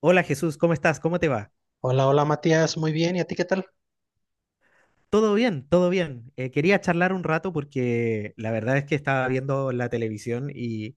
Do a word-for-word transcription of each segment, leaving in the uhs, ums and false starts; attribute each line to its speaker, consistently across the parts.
Speaker 1: Hola Jesús, ¿cómo estás? ¿Cómo te va?
Speaker 2: Hola, hola Matías, muy bien, ¿y a ti qué tal?
Speaker 1: Todo bien, todo bien. Eh, quería charlar un rato porque la verdad es que estaba viendo la televisión y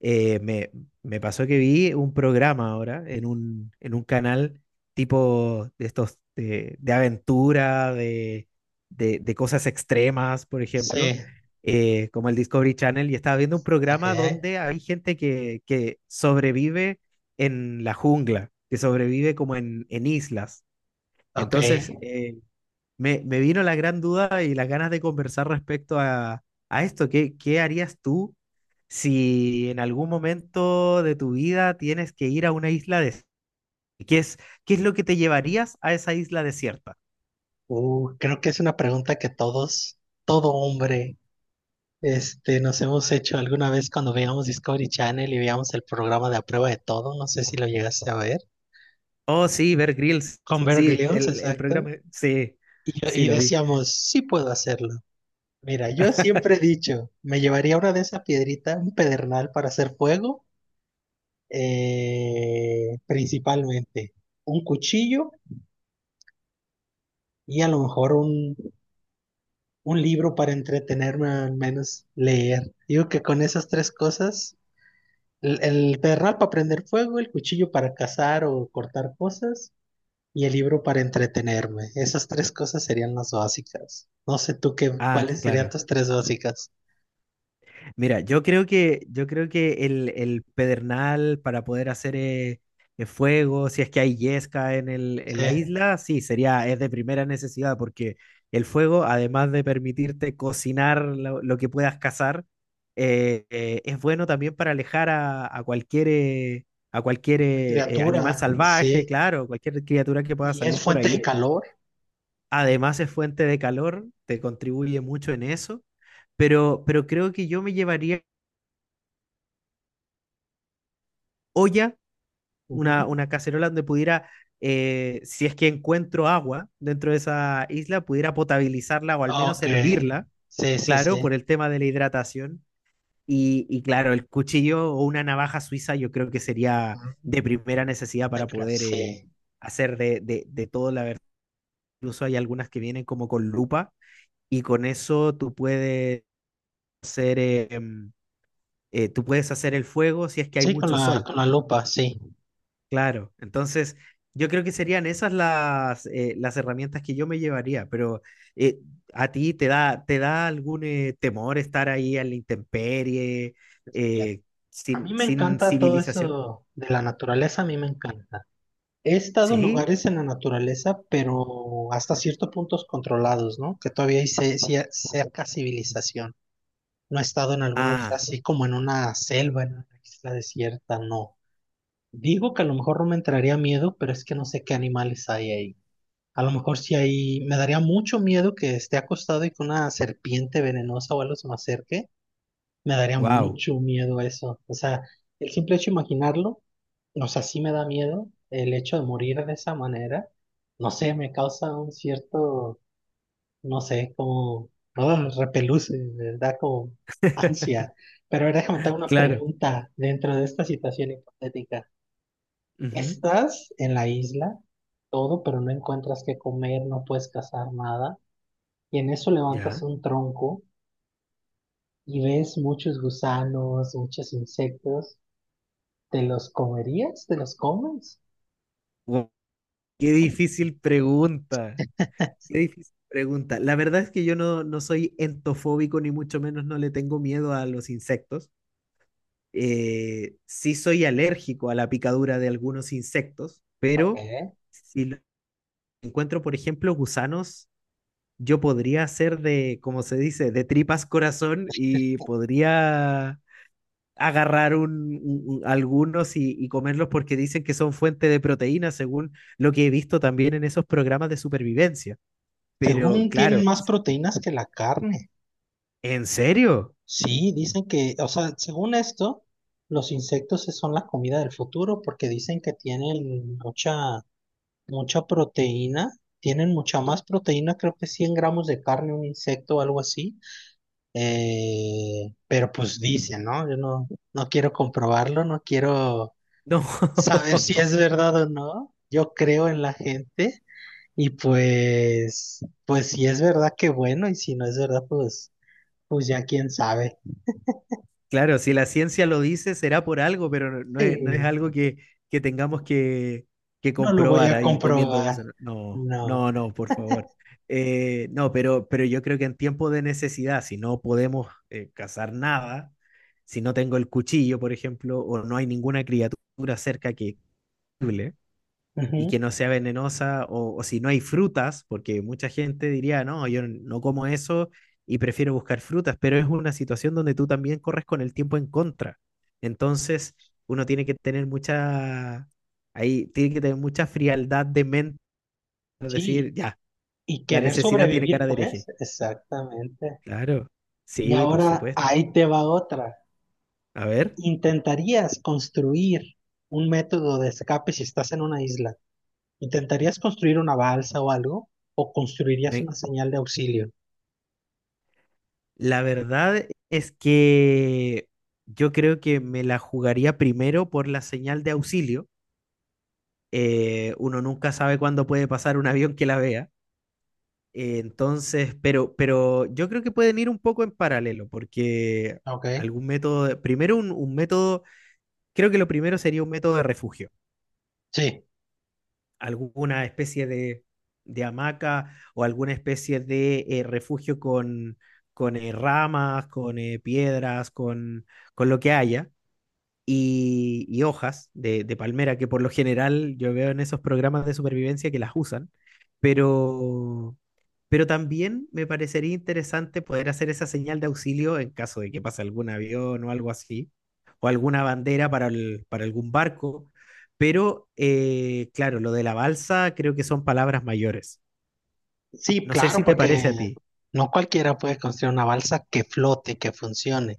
Speaker 1: eh, me, me pasó que vi un programa ahora en un, en un canal tipo de estos de, de aventura, de, de, de cosas extremas, por ejemplo,
Speaker 2: Sí,
Speaker 1: eh, como el Discovery Channel, y estaba viendo un
Speaker 2: ok.
Speaker 1: programa donde hay gente que, que sobrevive en la jungla, que sobrevive como en, en islas.
Speaker 2: Ok,
Speaker 1: Entonces, eh, Me, me vino la gran duda y las ganas de conversar respecto a, a esto. ¿Qué, qué harías tú si en algún momento de tu vida tienes que ir a una isla desierta? ¿Qué es, qué es lo que te llevarías a esa isla desierta?
Speaker 2: uh, creo que es una pregunta que todos, todo hombre, este, nos hemos hecho alguna vez cuando veíamos Discovery Channel y veíamos el programa de A Prueba de Todo, no sé si lo llegaste a ver,
Speaker 1: Oh, sí, Bear Grylls.
Speaker 2: con Bear
Speaker 1: Sí,
Speaker 2: Grylls,
Speaker 1: el, el
Speaker 2: exacto,
Speaker 1: programa. Sí,
Speaker 2: y,
Speaker 1: sí,
Speaker 2: y
Speaker 1: lo vi.
Speaker 2: decíamos, sí puedo hacerlo. Mira, yo siempre he dicho, me llevaría una de esa piedrita, un pedernal para hacer fuego, eh, principalmente, un cuchillo y a lo mejor un, un libro para entretenerme, al menos leer. Digo que con esas tres cosas, el, el perral para prender fuego, el cuchillo para cazar o cortar cosas y el libro para entretenerme. Esas tres cosas serían las básicas. No sé tú qué,
Speaker 1: Ah,
Speaker 2: cuáles serían
Speaker 1: claro.
Speaker 2: tus tres básicas.
Speaker 1: Mira, yo creo que, yo creo que el, el pedernal para poder hacer eh, eh, fuego, si es que hay yesca en el, en
Speaker 2: Sí,
Speaker 1: la isla, sí, sería, es de primera necesidad, porque el fuego, además de permitirte cocinar lo, lo que puedas cazar, eh, eh, es bueno también para alejar a, a cualquier, eh, a cualquier eh, eh, animal
Speaker 2: criatura,
Speaker 1: salvaje,
Speaker 2: sí.
Speaker 1: claro, cualquier criatura que pueda
Speaker 2: Y es
Speaker 1: salir por
Speaker 2: fuente de
Speaker 1: ahí.
Speaker 2: calor.
Speaker 1: Además es fuente de calor, te contribuye mucho en eso. Pero, pero creo que yo me llevaría olla, una,
Speaker 2: Ujú.
Speaker 1: una cacerola donde pudiera, eh, si es que encuentro agua dentro de esa isla, pudiera potabilizarla o al menos
Speaker 2: Ok,
Speaker 1: hervirla,
Speaker 2: sí, sí,
Speaker 1: claro,
Speaker 2: sí.
Speaker 1: por el tema de la hidratación. Y, y claro, el cuchillo o una navaja suiza yo creo que sería
Speaker 2: Ujú.
Speaker 1: de primera necesidad para poder eh,
Speaker 2: Sí,
Speaker 1: hacer de, de, de todo la verdad. Incluso hay algunas que vienen como con lupa y con eso tú puedes hacer, eh, em, eh, tú puedes hacer el fuego si es que hay
Speaker 2: sí, con
Speaker 1: mucho
Speaker 2: la,
Speaker 1: sol.
Speaker 2: con la lupa, sí.
Speaker 1: Claro, entonces yo creo que serían esas las, eh, las herramientas que yo me llevaría, pero eh, ¿a ti te da, te da algún eh, temor estar ahí en la intemperie,
Speaker 2: Este,
Speaker 1: eh,
Speaker 2: a mí
Speaker 1: sin,
Speaker 2: me
Speaker 1: sin
Speaker 2: encanta todo
Speaker 1: civilización?
Speaker 2: eso de la naturaleza, a mí me encanta. He estado en
Speaker 1: Sí.
Speaker 2: lugares en la naturaleza, pero hasta ciertos puntos controlados, ¿no? Que todavía hay ce- cia- cerca civilización. No he estado en algún lugar
Speaker 1: Ah,
Speaker 2: así como en una selva, en una isla desierta, no. Digo que a lo mejor no me entraría miedo, pero es que no sé qué animales hay ahí. A lo mejor si hay, me daría mucho miedo que esté acostado y que una serpiente venenosa o algo se me acerque. Me daría
Speaker 1: wow,
Speaker 2: mucho miedo eso. O sea, el simple hecho de imaginarlo. O sea, sí me da miedo el hecho de morir de esa manera. No sé, me causa un cierto, no sé, como ah, repeluce, me da como ansia. Pero ahora déjame te hago una
Speaker 1: claro.
Speaker 2: pregunta dentro de esta situación hipotética.
Speaker 1: Ujú,
Speaker 2: Estás en la isla, todo, pero no encuentras qué comer, no puedes cazar nada. Y en eso levantas
Speaker 1: ya.
Speaker 2: un tronco y ves muchos gusanos, muchos insectos. ¿Te los comerías? ¿Te los comes?
Speaker 1: Guau, qué difícil pregunta. Qué difícil pregunta. La verdad es que yo no, no soy entofóbico, ni mucho menos no le tengo miedo a los insectos. Eh, sí soy alérgico a la picadura de algunos insectos, pero
Speaker 2: Ok.
Speaker 1: si lo- encuentro, por ejemplo, gusanos, yo podría hacer de, como se dice, de tripas corazón y podría agarrar un, un- un- algunos y, y comerlos porque dicen que son fuente de proteína, según lo que he visto también en esos programas de supervivencia. Pero
Speaker 2: Según tienen
Speaker 1: claro,
Speaker 2: más proteínas que la carne.
Speaker 1: ¿en serio?
Speaker 2: Sí, dicen que, o sea, según esto, los insectos son la comida del futuro porque dicen que tienen mucha, mucha proteína, tienen mucha más proteína, creo que cien gramos de carne un insecto o algo así. Eh, pero pues dicen, ¿no? Yo no, no quiero comprobarlo, no quiero
Speaker 1: No.
Speaker 2: saber si es verdad o no. Yo creo en la gente y pues, pues si es verdad, qué bueno, y si no es verdad, pues... Pues ya quién sabe.
Speaker 1: Claro, si la ciencia lo dice, será por algo, pero no no es, no es
Speaker 2: Sí,
Speaker 1: algo que, que tengamos que, que
Speaker 2: no lo voy
Speaker 1: comprobar
Speaker 2: a
Speaker 1: ahí comiendo
Speaker 2: comprobar.
Speaker 1: gusano. No,
Speaker 2: No.
Speaker 1: no, no, no, por favor. Eh, no, pero, pero yo creo que en tiempo de necesidad, si no podemos eh, cazar nada, si no tengo el cuchillo, por ejemplo, o no hay ninguna criatura cerca que y que
Speaker 2: Ujú.
Speaker 1: no sea venenosa, o, o si no hay frutas, porque mucha gente diría, no, yo no como eso y prefiero buscar frutas, pero es una situación donde tú también corres con el tiempo en contra. Entonces, uno tiene que tener mucha, ahí tiene que tener mucha frialdad de mente, es decir,
Speaker 2: Sí,
Speaker 1: ya,
Speaker 2: y
Speaker 1: la
Speaker 2: querer
Speaker 1: necesidad tiene
Speaker 2: sobrevivir,
Speaker 1: cara de
Speaker 2: pues,
Speaker 1: hereje.
Speaker 2: exactamente.
Speaker 1: Claro,
Speaker 2: Y
Speaker 1: sí, por
Speaker 2: ahora
Speaker 1: supuesto.
Speaker 2: ahí te va otra.
Speaker 1: A ver,
Speaker 2: ¿Intentarías construir un método de escape si estás en una isla? ¿Intentarías construir una balsa o algo? ¿O construirías
Speaker 1: me-
Speaker 2: una señal de auxilio?
Speaker 1: la verdad es que yo creo que me la jugaría primero por la señal de auxilio. Eh, uno nunca sabe cuándo puede pasar un avión que la vea. Eh, entonces, pero, pero yo creo que pueden ir un poco en paralelo, porque
Speaker 2: Ok.
Speaker 1: algún método, de- primero un, un método, creo que lo primero sería un método de refugio,
Speaker 2: Sí,
Speaker 1: alguna especie de, de hamaca o alguna especie de eh, refugio con, con eh, ramas, con eh, piedras, con, con lo que haya, y, y hojas de, de palmera, que por lo general yo veo en esos programas de supervivencia que las usan, pero, pero también me parecería interesante poder hacer esa señal de auxilio en caso de que pase algún avión o algo así, o alguna bandera para, el- para algún barco. Pero, eh, claro, lo de la balsa creo que son palabras mayores.
Speaker 2: sí,
Speaker 1: No sé
Speaker 2: claro,
Speaker 1: si te
Speaker 2: porque
Speaker 1: parece a ti.
Speaker 2: no cualquiera puede construir una balsa que flote, que funcione.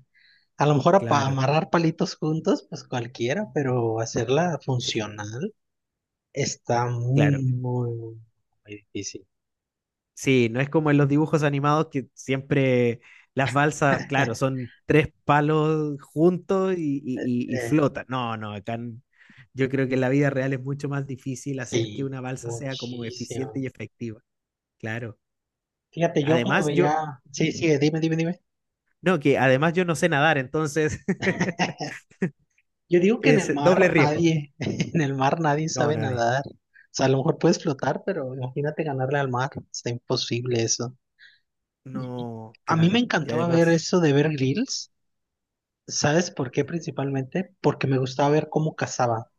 Speaker 2: A lo mejor para
Speaker 1: Claro,
Speaker 2: amarrar palitos juntos, pues cualquiera, pero hacerla
Speaker 1: sí,
Speaker 2: funcional está
Speaker 1: claro.
Speaker 2: muy, muy, muy, muy difícil.
Speaker 1: Sí, no es como en los dibujos animados que siempre las balsas, claro, son tres palos juntos y, y, y- y
Speaker 2: Eh,
Speaker 1: flotan. No, no, acá en- yo creo que en la vida real es mucho más difícil hacer que
Speaker 2: sí,
Speaker 1: una balsa sea como eficiente
Speaker 2: muchísimo.
Speaker 1: y efectiva. Claro.
Speaker 2: Fíjate, yo cuando
Speaker 1: Además, yo,
Speaker 2: veía,
Speaker 1: ujú.
Speaker 2: sí, sí, dime, dime, dime.
Speaker 1: No, que además yo no sé nadar, entonces
Speaker 2: Yo digo que en
Speaker 1: es
Speaker 2: el
Speaker 1: doble
Speaker 2: mar
Speaker 1: riesgo.
Speaker 2: nadie, en el mar nadie
Speaker 1: No,
Speaker 2: sabe
Speaker 1: nadie.
Speaker 2: nadar. O sea, a lo mejor puedes flotar, pero imagínate ganarle al mar. Está imposible eso. Y- y
Speaker 1: No,
Speaker 2: a mí me
Speaker 1: claro. Y
Speaker 2: encantaba ver
Speaker 1: además,
Speaker 2: eso de ver grills. ¿Sabes por qué principalmente? Porque me gustaba ver cómo cazaba,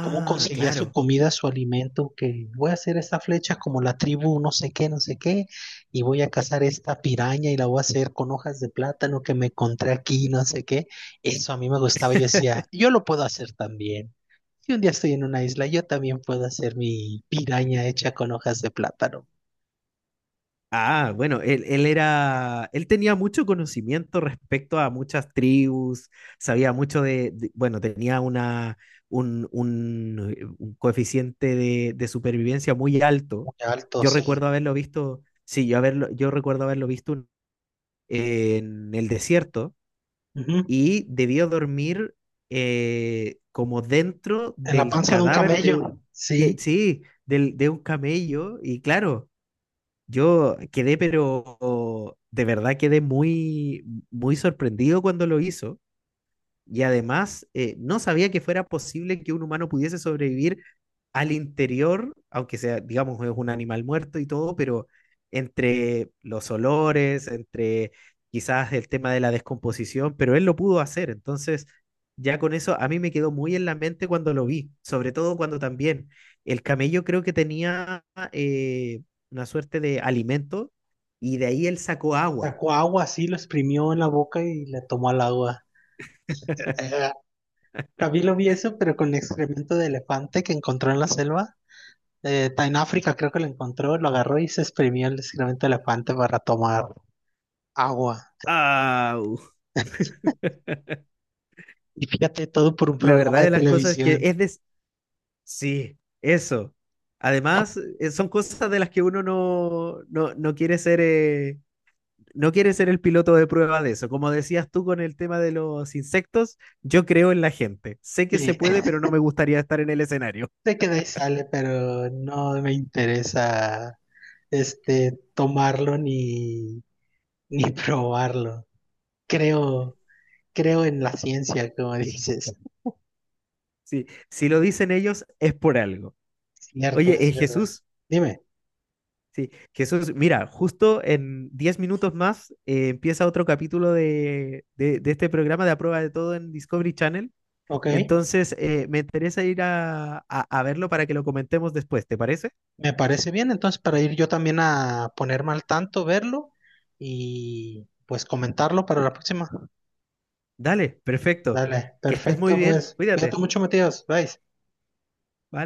Speaker 2: cómo conseguía su
Speaker 1: claro.
Speaker 2: comida, su alimento, que voy a hacer esta flecha como la tribu, no sé qué, no sé qué, y voy a cazar esta piraña y la voy a hacer con hojas de plátano que me encontré aquí, no sé qué. Eso a mí me gustaba, yo decía, yo lo puedo hacer también. Si un día estoy en una isla, yo también puedo hacer mi piraña hecha con hojas de plátano.
Speaker 1: Ah, bueno, él, él era, él tenía mucho conocimiento respecto a muchas tribus, sabía mucho de, de- bueno, tenía una, un, un, eh, un coeficiente de, de supervivencia muy alto.
Speaker 2: Muy alto,
Speaker 1: Yo
Speaker 2: sí.
Speaker 1: recuerdo haberlo visto, sí, yo, haberlo, yo recuerdo haberlo visto un- en el desierto
Speaker 2: Ujú.
Speaker 1: y debió dormir eh, como dentro
Speaker 2: En la
Speaker 1: del
Speaker 2: panza de un
Speaker 1: cadáver de
Speaker 2: camello,
Speaker 1: un, eh,
Speaker 2: sí.
Speaker 1: sí, del, de un camello y claro. Yo quedé, pero de verdad quedé muy, muy sorprendido cuando lo hizo. Y además, eh, no sabía que fuera posible que un humano pudiese sobrevivir al interior, aunque sea, digamos, es un animal muerto y todo, pero entre los olores, entre quizás el tema de la descomposición, pero él lo pudo hacer. Entonces, ya con eso a mí me quedó muy en la mente cuando lo vi, sobre todo cuando también el camello creo que tenía eh, una suerte de alimento y de ahí él sacó agua.
Speaker 2: Sacó agua así, lo exprimió en la boca y le tomó al agua. También lo vi eso, pero con excremento de elefante que encontró en la selva. Eh, ta- en África creo que lo encontró, lo agarró y se exprimió el excremento de elefante para tomar agua.
Speaker 1: ¡Au!
Speaker 2: Y fíjate, todo por un
Speaker 1: La
Speaker 2: programa
Speaker 1: verdad
Speaker 2: de
Speaker 1: de las cosas es que
Speaker 2: televisión.
Speaker 1: es de... Sí, eso. Además, eh, son cosas de las que uno no, no, no quiere ser, eh, no quiere ser el piloto de prueba de eso. Como decías tú con el tema de los insectos, yo creo en la gente. Sé que se
Speaker 2: Sí,
Speaker 1: puede, pero no me gustaría estar en el escenario.
Speaker 2: sé que de ahí sale, pero no me interesa este tomarlo ni, ni probarlo. Creo, Creo en la ciencia, como dices.
Speaker 1: Sí, si lo dicen ellos, es por algo.
Speaker 2: Cierto,
Speaker 1: Oye, eh,
Speaker 2: es verdad.
Speaker 1: Jesús,
Speaker 2: Dime,
Speaker 1: sí, Jesús, mira, justo en diez minutos más eh, empieza otro capítulo de, de, de este programa de A Prueba de Todo en Discovery Channel.
Speaker 2: ok.
Speaker 1: Entonces, eh, me interesa ir a, a, a verlo para que lo comentemos después, ¿te parece?
Speaker 2: Me parece bien, entonces para ir yo también a ponerme al tanto, verlo y pues comentarlo para la próxima.
Speaker 1: Dale, perfecto.
Speaker 2: Dale,
Speaker 1: Que estés muy
Speaker 2: perfecto,
Speaker 1: bien,
Speaker 2: pues cuídate
Speaker 1: cuídate.
Speaker 2: mucho, Matías. Bye.
Speaker 1: Bye.